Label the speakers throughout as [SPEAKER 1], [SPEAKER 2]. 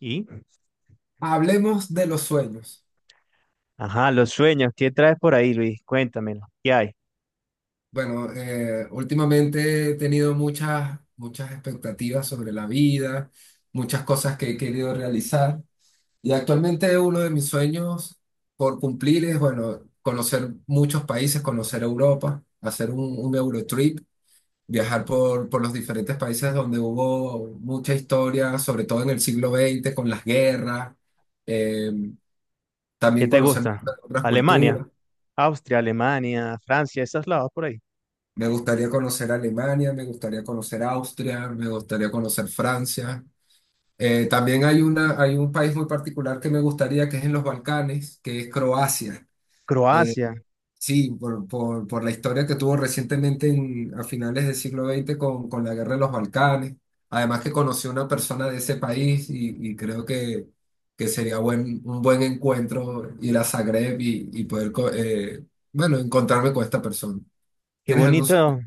[SPEAKER 1] Y,
[SPEAKER 2] Hablemos de los sueños.
[SPEAKER 1] ajá, los sueños. ¿Qué traes por ahí, Luis? Cuéntamelo. ¿Qué hay?
[SPEAKER 2] Bueno, últimamente he tenido muchas expectativas sobre la vida, muchas cosas que he querido realizar y actualmente uno de mis sueños por cumplir es, bueno, conocer muchos países, conocer Europa, hacer un Eurotrip, viajar por los diferentes países donde hubo mucha historia, sobre todo en el siglo XX, con las guerras, eh,
[SPEAKER 1] ¿Qué
[SPEAKER 2] también
[SPEAKER 1] te
[SPEAKER 2] conocer
[SPEAKER 1] gusta?
[SPEAKER 2] otras
[SPEAKER 1] Alemania,
[SPEAKER 2] culturas.
[SPEAKER 1] Austria, Alemania, Francia, esos lados por ahí.
[SPEAKER 2] Me gustaría conocer Alemania, me gustaría conocer Austria, me gustaría conocer Francia. También hay una, hay un país muy particular que me gustaría, que es en los Balcanes, que es Croacia. Eh,
[SPEAKER 1] Croacia.
[SPEAKER 2] sí, por la historia que tuvo recientemente a finales del siglo XX con la guerra de los Balcanes. Además que conocí a una persona de ese país y creo que sería un buen encuentro ir a Zagreb y poder, bueno, encontrarme con esta persona.
[SPEAKER 1] Qué
[SPEAKER 2] ¿Tienes algún?
[SPEAKER 1] bonito.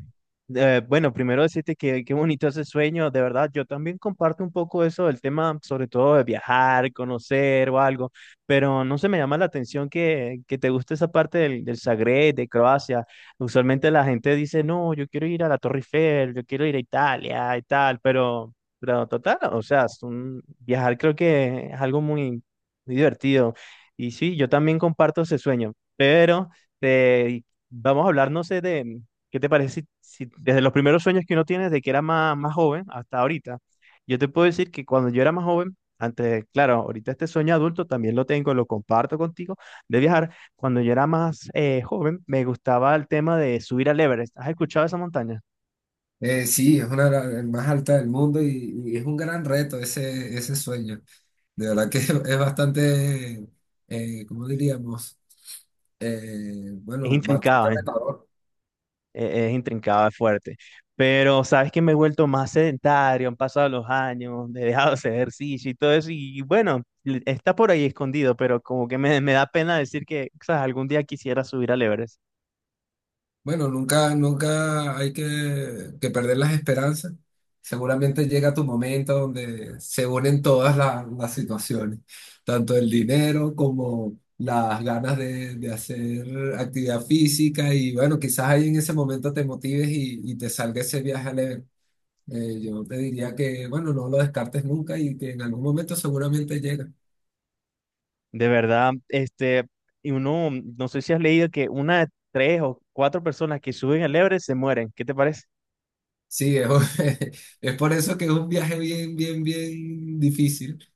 [SPEAKER 1] Bueno, primero decirte que qué bonito ese sueño, de verdad. Yo también comparto un poco eso del tema, sobre todo de viajar, conocer o algo, pero no se me llama la atención que te guste esa parte del Zagreb, de Croacia. Usualmente la gente dice, no, yo quiero ir a la Torre Eiffel, yo quiero ir a Italia y tal, pero total, o sea, viajar creo que es algo muy, muy divertido. Y sí, yo también comparto ese sueño, pero... te Vamos a hablar, no sé, de, ¿Qué te parece si, si desde los primeros sueños que uno tiene, desde que era más, más joven hasta ahorita, yo te puedo decir que cuando yo era más joven, antes, claro, ahorita este sueño adulto también lo tengo, lo comparto contigo, de viajar, cuando yo era más joven, me gustaba el tema de subir al Everest. ¿Has escuchado esa montaña?
[SPEAKER 2] Sí, es una de las más altas del mundo y es un gran reto ese, ese sueño. De verdad que es bastante, ¿cómo diríamos?
[SPEAKER 1] Es
[SPEAKER 2] Bueno, bastante
[SPEAKER 1] intrincada,
[SPEAKER 2] retador.
[SPEAKER 1] es intrincado, es fuerte. Pero sabes que me he vuelto más sedentario, han pasado los años, he dejado de hacer ejercicio y todo eso, y bueno, está por ahí escondido, pero como que me da pena decir que, sabes, algún día quisiera subir al Everest.
[SPEAKER 2] Bueno, nunca hay que perder las esperanzas. Seguramente llega tu momento donde se unen todas las situaciones, tanto el dinero como las ganas de hacer actividad física y bueno, quizás ahí en ese momento te motives y te salga ese viaje a leer. Yo te diría que, bueno, no lo descartes nunca y que en algún momento seguramente llega.
[SPEAKER 1] De verdad, este, y uno, no sé si has leído que una de tres o cuatro personas que suben al Everest se mueren, ¿qué te parece?
[SPEAKER 2] Sí, es, es por eso que es un viaje bien difícil.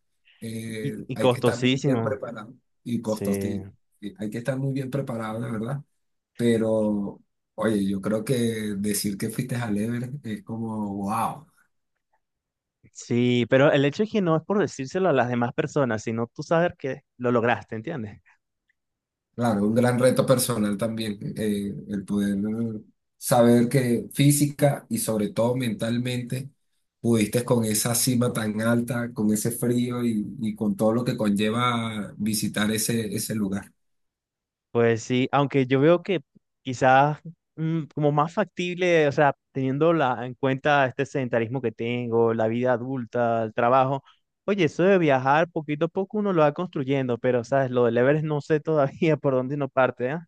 [SPEAKER 1] Y
[SPEAKER 2] Hay que estar muy bien
[SPEAKER 1] costosísimo.
[SPEAKER 2] preparado y
[SPEAKER 1] Sí,
[SPEAKER 2] costoso. Sí. Sí, hay que estar muy bien preparado, de verdad. Pero, oye, yo creo que decir que fuiste al Everest es como, wow.
[SPEAKER 1] sí, pero el hecho es que no es por decírselo a las demás personas, sino tú saber que lo lograste, ¿entiendes?
[SPEAKER 2] Claro, un gran reto personal también, el poder saber que física y sobre todo mentalmente pudiste con esa cima tan alta, con ese frío y con todo lo que conlleva visitar ese, ese lugar.
[SPEAKER 1] Pues sí, aunque yo veo que quizás como más factible, o sea, en cuenta este sedentarismo que tengo, la vida adulta, el trabajo, oye, eso de viajar poquito a poco uno lo va construyendo, pero sabes, lo del Everest no sé todavía por dónde no parte, ¿ah?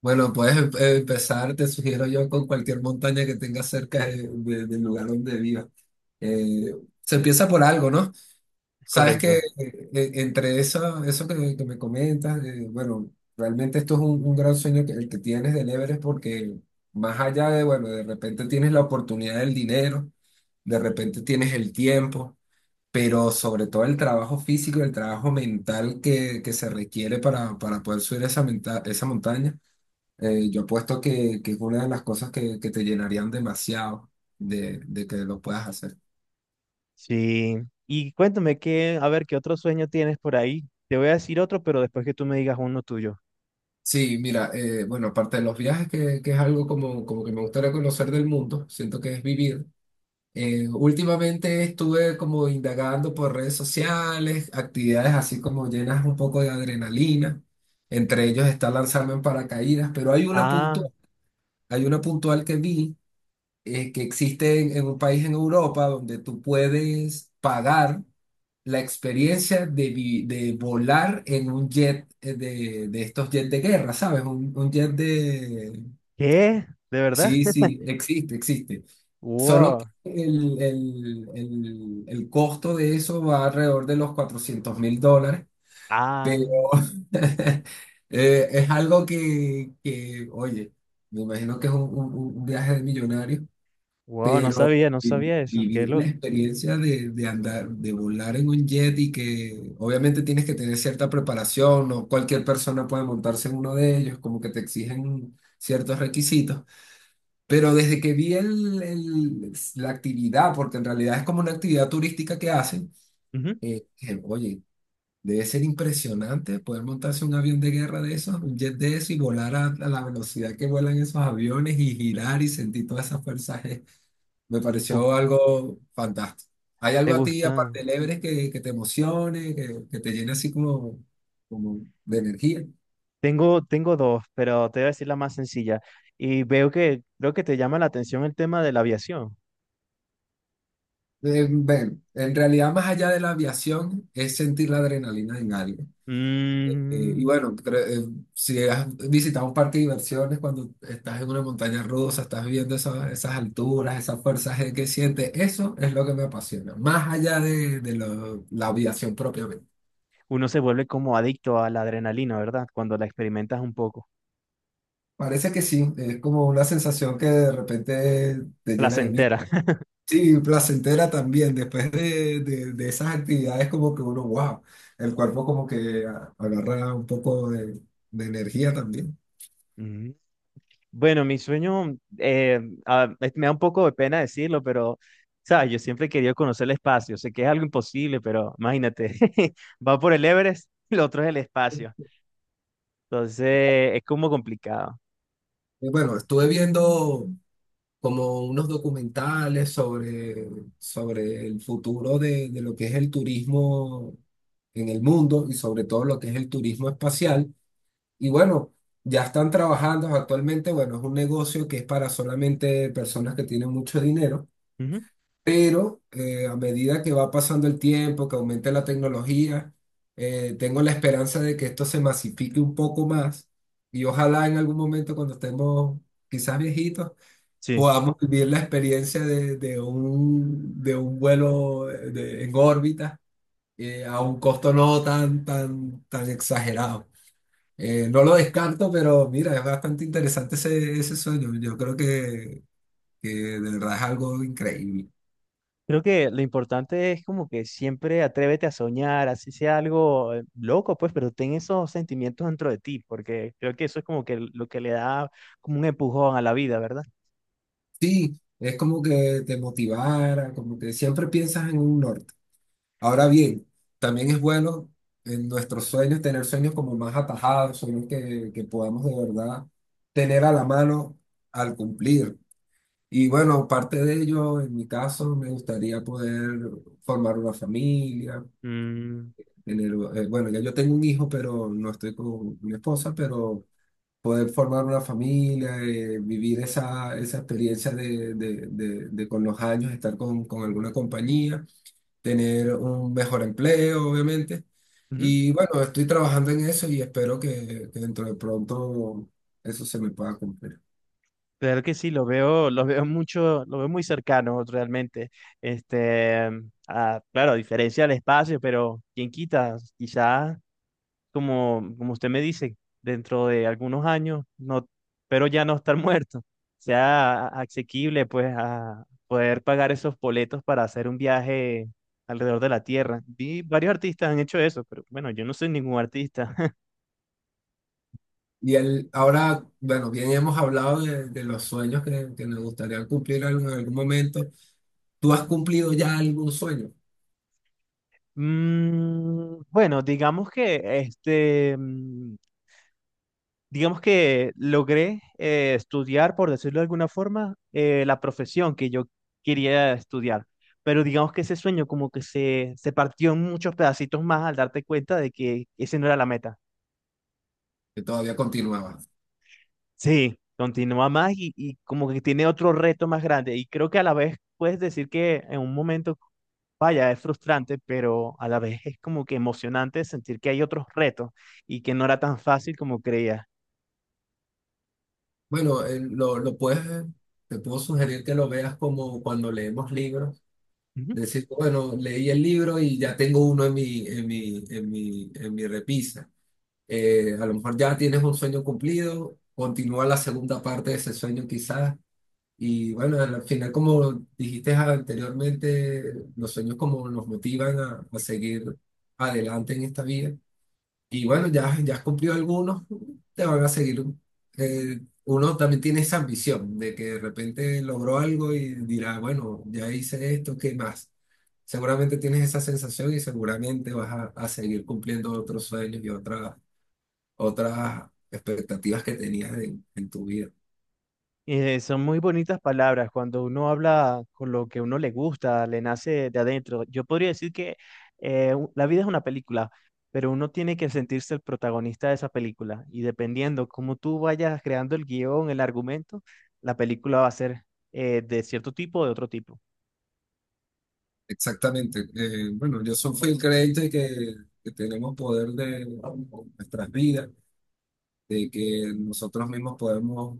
[SPEAKER 2] Bueno, puedes empezar, te sugiero yo, con cualquier montaña que tengas cerca del lugar donde vivas. Eh, se empieza por algo, ¿no?
[SPEAKER 1] Es
[SPEAKER 2] Sabes que
[SPEAKER 1] correcto.
[SPEAKER 2] entre eso, eso que me comentas, bueno, realmente esto es un gran sueño que, el que tienes del Everest porque más allá de, bueno, de repente tienes la oportunidad del dinero, de repente tienes el tiempo, pero sobre todo el trabajo físico, el trabajo mental que se requiere para poder subir esa, esa montaña, yo apuesto que es una de las cosas que te llenarían demasiado de que lo puedas hacer.
[SPEAKER 1] Sí. Y cuéntame qué, a ver, qué otro sueño tienes por ahí. Te voy a decir otro, pero después que tú me digas uno tuyo.
[SPEAKER 2] Sí, mira, bueno, aparte de los viajes, que es algo como, como que me gustaría conocer del mundo, siento que es vivir. Últimamente estuve como indagando por redes sociales, actividades así como llenas un poco de adrenalina. Entre ellos está lanzarme en paracaídas, pero
[SPEAKER 1] Ah,
[SPEAKER 2] hay una puntual que vi que existe en un país en Europa donde tú puedes pagar la experiencia de, de volar en un jet de estos jets de guerra, ¿sabes? Un jet de...
[SPEAKER 1] ¿qué? ¿De verdad?
[SPEAKER 2] Sí, sí, existe, existe. Solo que
[SPEAKER 1] Wow.
[SPEAKER 2] el costo de eso va alrededor de los 400 mil dólares,
[SPEAKER 1] Ah,
[SPEAKER 2] pero es algo que, oye, me imagino que es un, un viaje de millonario.
[SPEAKER 1] wow, no
[SPEAKER 2] Pero
[SPEAKER 1] sabía, no
[SPEAKER 2] vi-
[SPEAKER 1] sabía eso. Qué
[SPEAKER 2] vivir la
[SPEAKER 1] loco.
[SPEAKER 2] experiencia de andar, de volar en un jet y que obviamente tienes que tener cierta preparación, no cualquier persona puede montarse en uno de ellos, como que te exigen ciertos requisitos. Pero desde que vi el, la actividad, porque en realidad es como una actividad turística que hacen, que, oye, debe ser impresionante poder montarse un avión de guerra de esos, un jet de eso y volar a la velocidad que vuelan esos aviones y girar y sentir toda esa fuerza me pareció
[SPEAKER 1] Uf,
[SPEAKER 2] algo fantástico. ¿Hay
[SPEAKER 1] ¿te
[SPEAKER 2] algo a ti,
[SPEAKER 1] gusta?
[SPEAKER 2] aparte del Everest, que te emocione, que te llene así como, como de energía?
[SPEAKER 1] Tengo, tengo dos, pero te voy a decir la más sencilla. Y veo que creo que te llama la atención el tema de la aviación.
[SPEAKER 2] Bueno, en realidad, más allá de la aviación, es sentir la adrenalina en algo. Y
[SPEAKER 1] Mm,
[SPEAKER 2] bueno, si has visitado un parque de diversiones, cuando estás en una montaña rusa, estás viendo esas alturas, esas fuerzas que sientes, eso es lo que me apasiona, más allá de, la aviación propiamente.
[SPEAKER 1] uno se vuelve como adicto a la adrenalina, ¿verdad? Cuando la experimentas un poco.
[SPEAKER 2] Parece que sí, es como una sensación que de repente te llena de
[SPEAKER 1] Placentera.
[SPEAKER 2] miedo. Sí, placentera también, después de, de esas actividades como que uno, wow, el cuerpo como que agarra un poco de energía también.
[SPEAKER 1] Mm. Bueno, mi sueño, me da un poco de pena decirlo, pero, ¿sabes? Yo siempre he querido conocer el espacio. Sé que es algo imposible, pero imagínate, va por el Everest, lo otro es el espacio. Entonces, es como complicado.
[SPEAKER 2] Y bueno, estuve viendo como unos documentales sobre, sobre el futuro de lo que es el turismo en el mundo y sobre todo lo que es el turismo espacial. Y bueno, ya están trabajando actualmente, bueno, es un negocio que es para solamente personas que tienen mucho dinero,
[SPEAKER 1] Ujú.
[SPEAKER 2] pero a medida que va pasando el tiempo, que aumente la tecnología, tengo la esperanza de que esto se masifique un poco más y ojalá en algún momento cuando estemos quizás viejitos,
[SPEAKER 1] Sí.
[SPEAKER 2] podamos vivir la experiencia de un vuelo en órbita a un costo no tan exagerado. No lo descarto, pero mira, es bastante interesante ese, ese sueño. Yo creo que de verdad es algo increíble.
[SPEAKER 1] Creo que lo importante es como que siempre atrévete a soñar, así sea algo loco, pues, pero ten esos sentimientos dentro de ti, porque creo que eso es como que lo que le da como un empujón a la vida, ¿verdad?
[SPEAKER 2] Sí, es como que te motivara, como que siempre piensas en un norte. Ahora bien, también es bueno en nuestros sueños tener sueños como más atajados, sueños que podamos de verdad tener a la mano al cumplir. Y bueno, parte de ello, en mi caso, me gustaría poder formar una familia
[SPEAKER 1] Mm,
[SPEAKER 2] en bueno, ya yo tengo un hijo, pero no estoy con mi esposa, pero poder formar una familia, vivir esa, esa experiencia de, de con los años, estar con alguna compañía, tener un mejor empleo, obviamente.
[SPEAKER 1] ujú.
[SPEAKER 2] Y bueno, estoy trabajando en eso y espero que dentro de pronto eso se me pueda cumplir.
[SPEAKER 1] Claro que sí, lo veo mucho, lo veo muy cercano realmente. Este, ah, claro, a diferencia del espacio, pero quién quita, quizás como, como usted me dice, dentro de algunos años, no, pero ya no estar muerto, sea asequible pues a poder pagar esos boletos para hacer un viaje alrededor de la Tierra. Vi varios artistas han hecho eso, pero bueno, yo no soy ningún artista.
[SPEAKER 2] Y el, ahora, bueno, bien hemos hablado de los sueños que nos gustaría cumplir en algún momento. ¿Tú has cumplido ya algún sueño
[SPEAKER 1] Mm, bueno, digamos que este, mm, digamos que logré estudiar, por decirlo de alguna forma, la profesión que yo quería estudiar. Pero digamos que ese sueño como que se partió en muchos pedacitos más al darte cuenta de que ese no era la meta.
[SPEAKER 2] que todavía continuaba?
[SPEAKER 1] Sí, continúa más y como que tiene otro reto más grande. Y creo que a la vez puedes decir que en un momento, vaya, es frustrante, pero a la vez es como que emocionante sentir que hay otros retos y que no era tan fácil como creía.
[SPEAKER 2] Bueno, lo puedes, te puedo sugerir que lo veas como cuando leemos libros. Decir, bueno, leí el libro y ya tengo uno en mi, en mi, en mi, en mi repisa. A lo mejor ya tienes un sueño cumplido, continúa la segunda parte de ese sueño quizás. Y bueno, al final, como dijiste anteriormente, los sueños como nos motivan a seguir adelante en esta vida. Y bueno, ya has cumplido algunos, te van a seguir. Eh, uno también tiene esa ambición de que de repente logró algo y dirá, bueno, ya hice esto, ¿qué más? Seguramente tienes esa sensación y seguramente vas a seguir cumpliendo otros sueños y otras, otras expectativas que tenías en tu vida.
[SPEAKER 1] Son muy bonitas palabras cuando uno habla con lo que uno le gusta, le nace de adentro. Yo podría decir que la vida es una película, pero uno tiene que sentirse el protagonista de esa película y dependiendo cómo tú vayas creando el guión, el argumento, la película va a ser de cierto tipo o de otro tipo.
[SPEAKER 2] Exactamente. Bueno, yo soy, fui el creyente que tenemos poder de nuestras vidas de que nosotros mismos podemos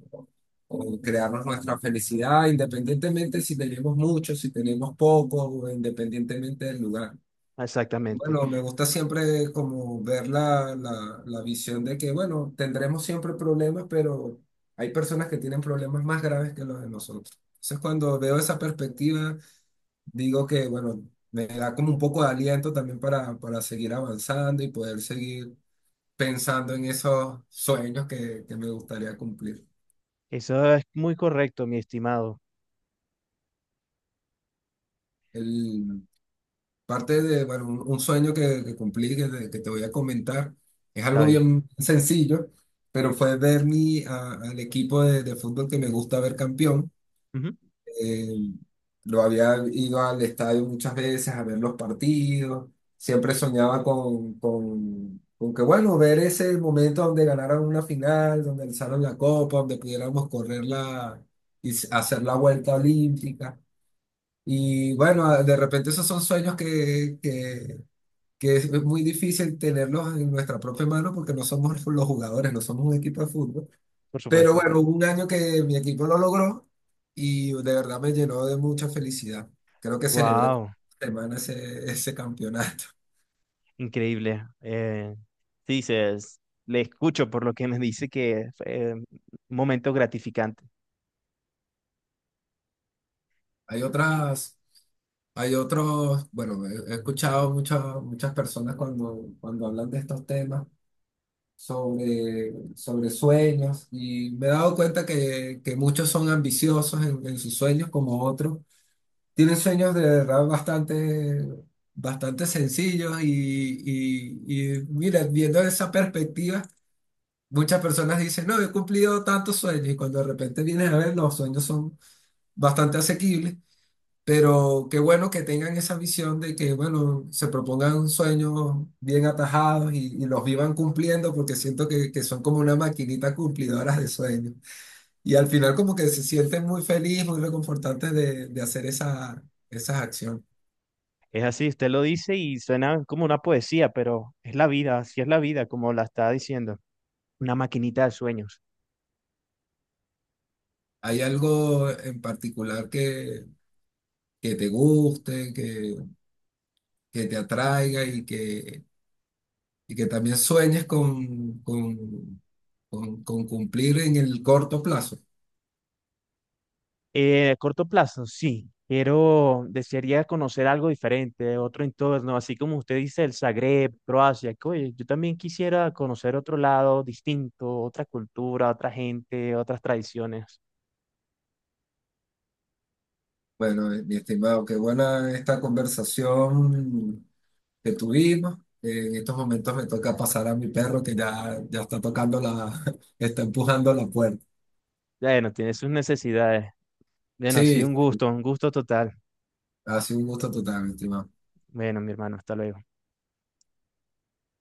[SPEAKER 2] o crearnos nuestra felicidad independientemente si tenemos mucho, si tenemos poco, o independientemente del lugar.
[SPEAKER 1] Exactamente.
[SPEAKER 2] Bueno, me gusta siempre como ver la visión de que, bueno, tendremos siempre problemas, pero hay personas que tienen problemas más graves que los de nosotros. Entonces, cuando veo esa perspectiva, digo que, bueno, me da como un poco de aliento también para seguir avanzando y poder seguir pensando en esos sueños que me gustaría cumplir.
[SPEAKER 1] Eso es muy correcto, mi estimado.
[SPEAKER 2] El, parte de, bueno, un sueño que cumplí, que te voy a comentar, es
[SPEAKER 1] Está
[SPEAKER 2] algo
[SPEAKER 1] bien.
[SPEAKER 2] bien sencillo, pero fue ver mi, al equipo de fútbol que me gusta ver campeón.
[SPEAKER 1] Ujú,
[SPEAKER 2] eh, lo había ido al estadio muchas veces a ver los partidos. Siempre soñaba con que, bueno, ver ese momento donde ganaran una final, donde alzaron la copa, donde pudiéramos correrla y hacer la vuelta olímpica. Y bueno, de repente esos son sueños que es muy difícil tenerlos en nuestra propia mano porque no somos los jugadores, no somos un equipo de fútbol,
[SPEAKER 1] por
[SPEAKER 2] pero
[SPEAKER 1] supuesto.
[SPEAKER 2] bueno, hubo un año que mi equipo lo logró y de verdad me llenó de mucha felicidad. Creo que celebré con
[SPEAKER 1] Wow.
[SPEAKER 2] una semana ese, ese campeonato.
[SPEAKER 1] Increíble. Sí, le escucho por lo que me dice que fue un momento gratificante.
[SPEAKER 2] Hay otras, hay otros, bueno, he escuchado muchas personas cuando, cuando hablan de estos temas sobre, sobre sueños y me he dado cuenta que muchos son ambiciosos en sus sueños como otros. Tienen sueños de verdad bastante, bastante sencillos y mira, viendo esa perspectiva, muchas personas dicen, no, he cumplido tantos sueños y cuando de repente vienes a ver, los sueños son bastante asequibles, pero qué bueno que tengan esa visión de que, bueno, se propongan sueños bien atajados y los vivan cumpliendo porque siento que son como una maquinita cumplidora de sueños y al final como que se sienten muy feliz, muy reconfortantes de hacer esa, esas acciones.
[SPEAKER 1] Es así, usted lo dice y suena como una poesía, pero es la vida, así es la vida, como la está diciendo. Una maquinita de sueños.
[SPEAKER 2] ¿Hay algo en particular que te guste, que te atraiga y que también sueñes con cumplir en el corto plazo?
[SPEAKER 1] A corto plazo, sí. Quiero, desearía conocer algo diferente, otro entorno, así como usted dice, el Zagreb, Croacia. Que, Oye, yo también quisiera conocer otro lado distinto, otra cultura, otra gente, otras tradiciones.
[SPEAKER 2] Bueno, mi estimado, qué buena esta conversación que tuvimos. En estos momentos me toca pasar a mi perro que ya está tocando la, está empujando la puerta.
[SPEAKER 1] Bueno, tiene sus necesidades. Bueno, ha sido
[SPEAKER 2] Sí,
[SPEAKER 1] un gusto total.
[SPEAKER 2] ha sido un gusto total, mi estimado.
[SPEAKER 1] Bueno, mi hermano, hasta luego.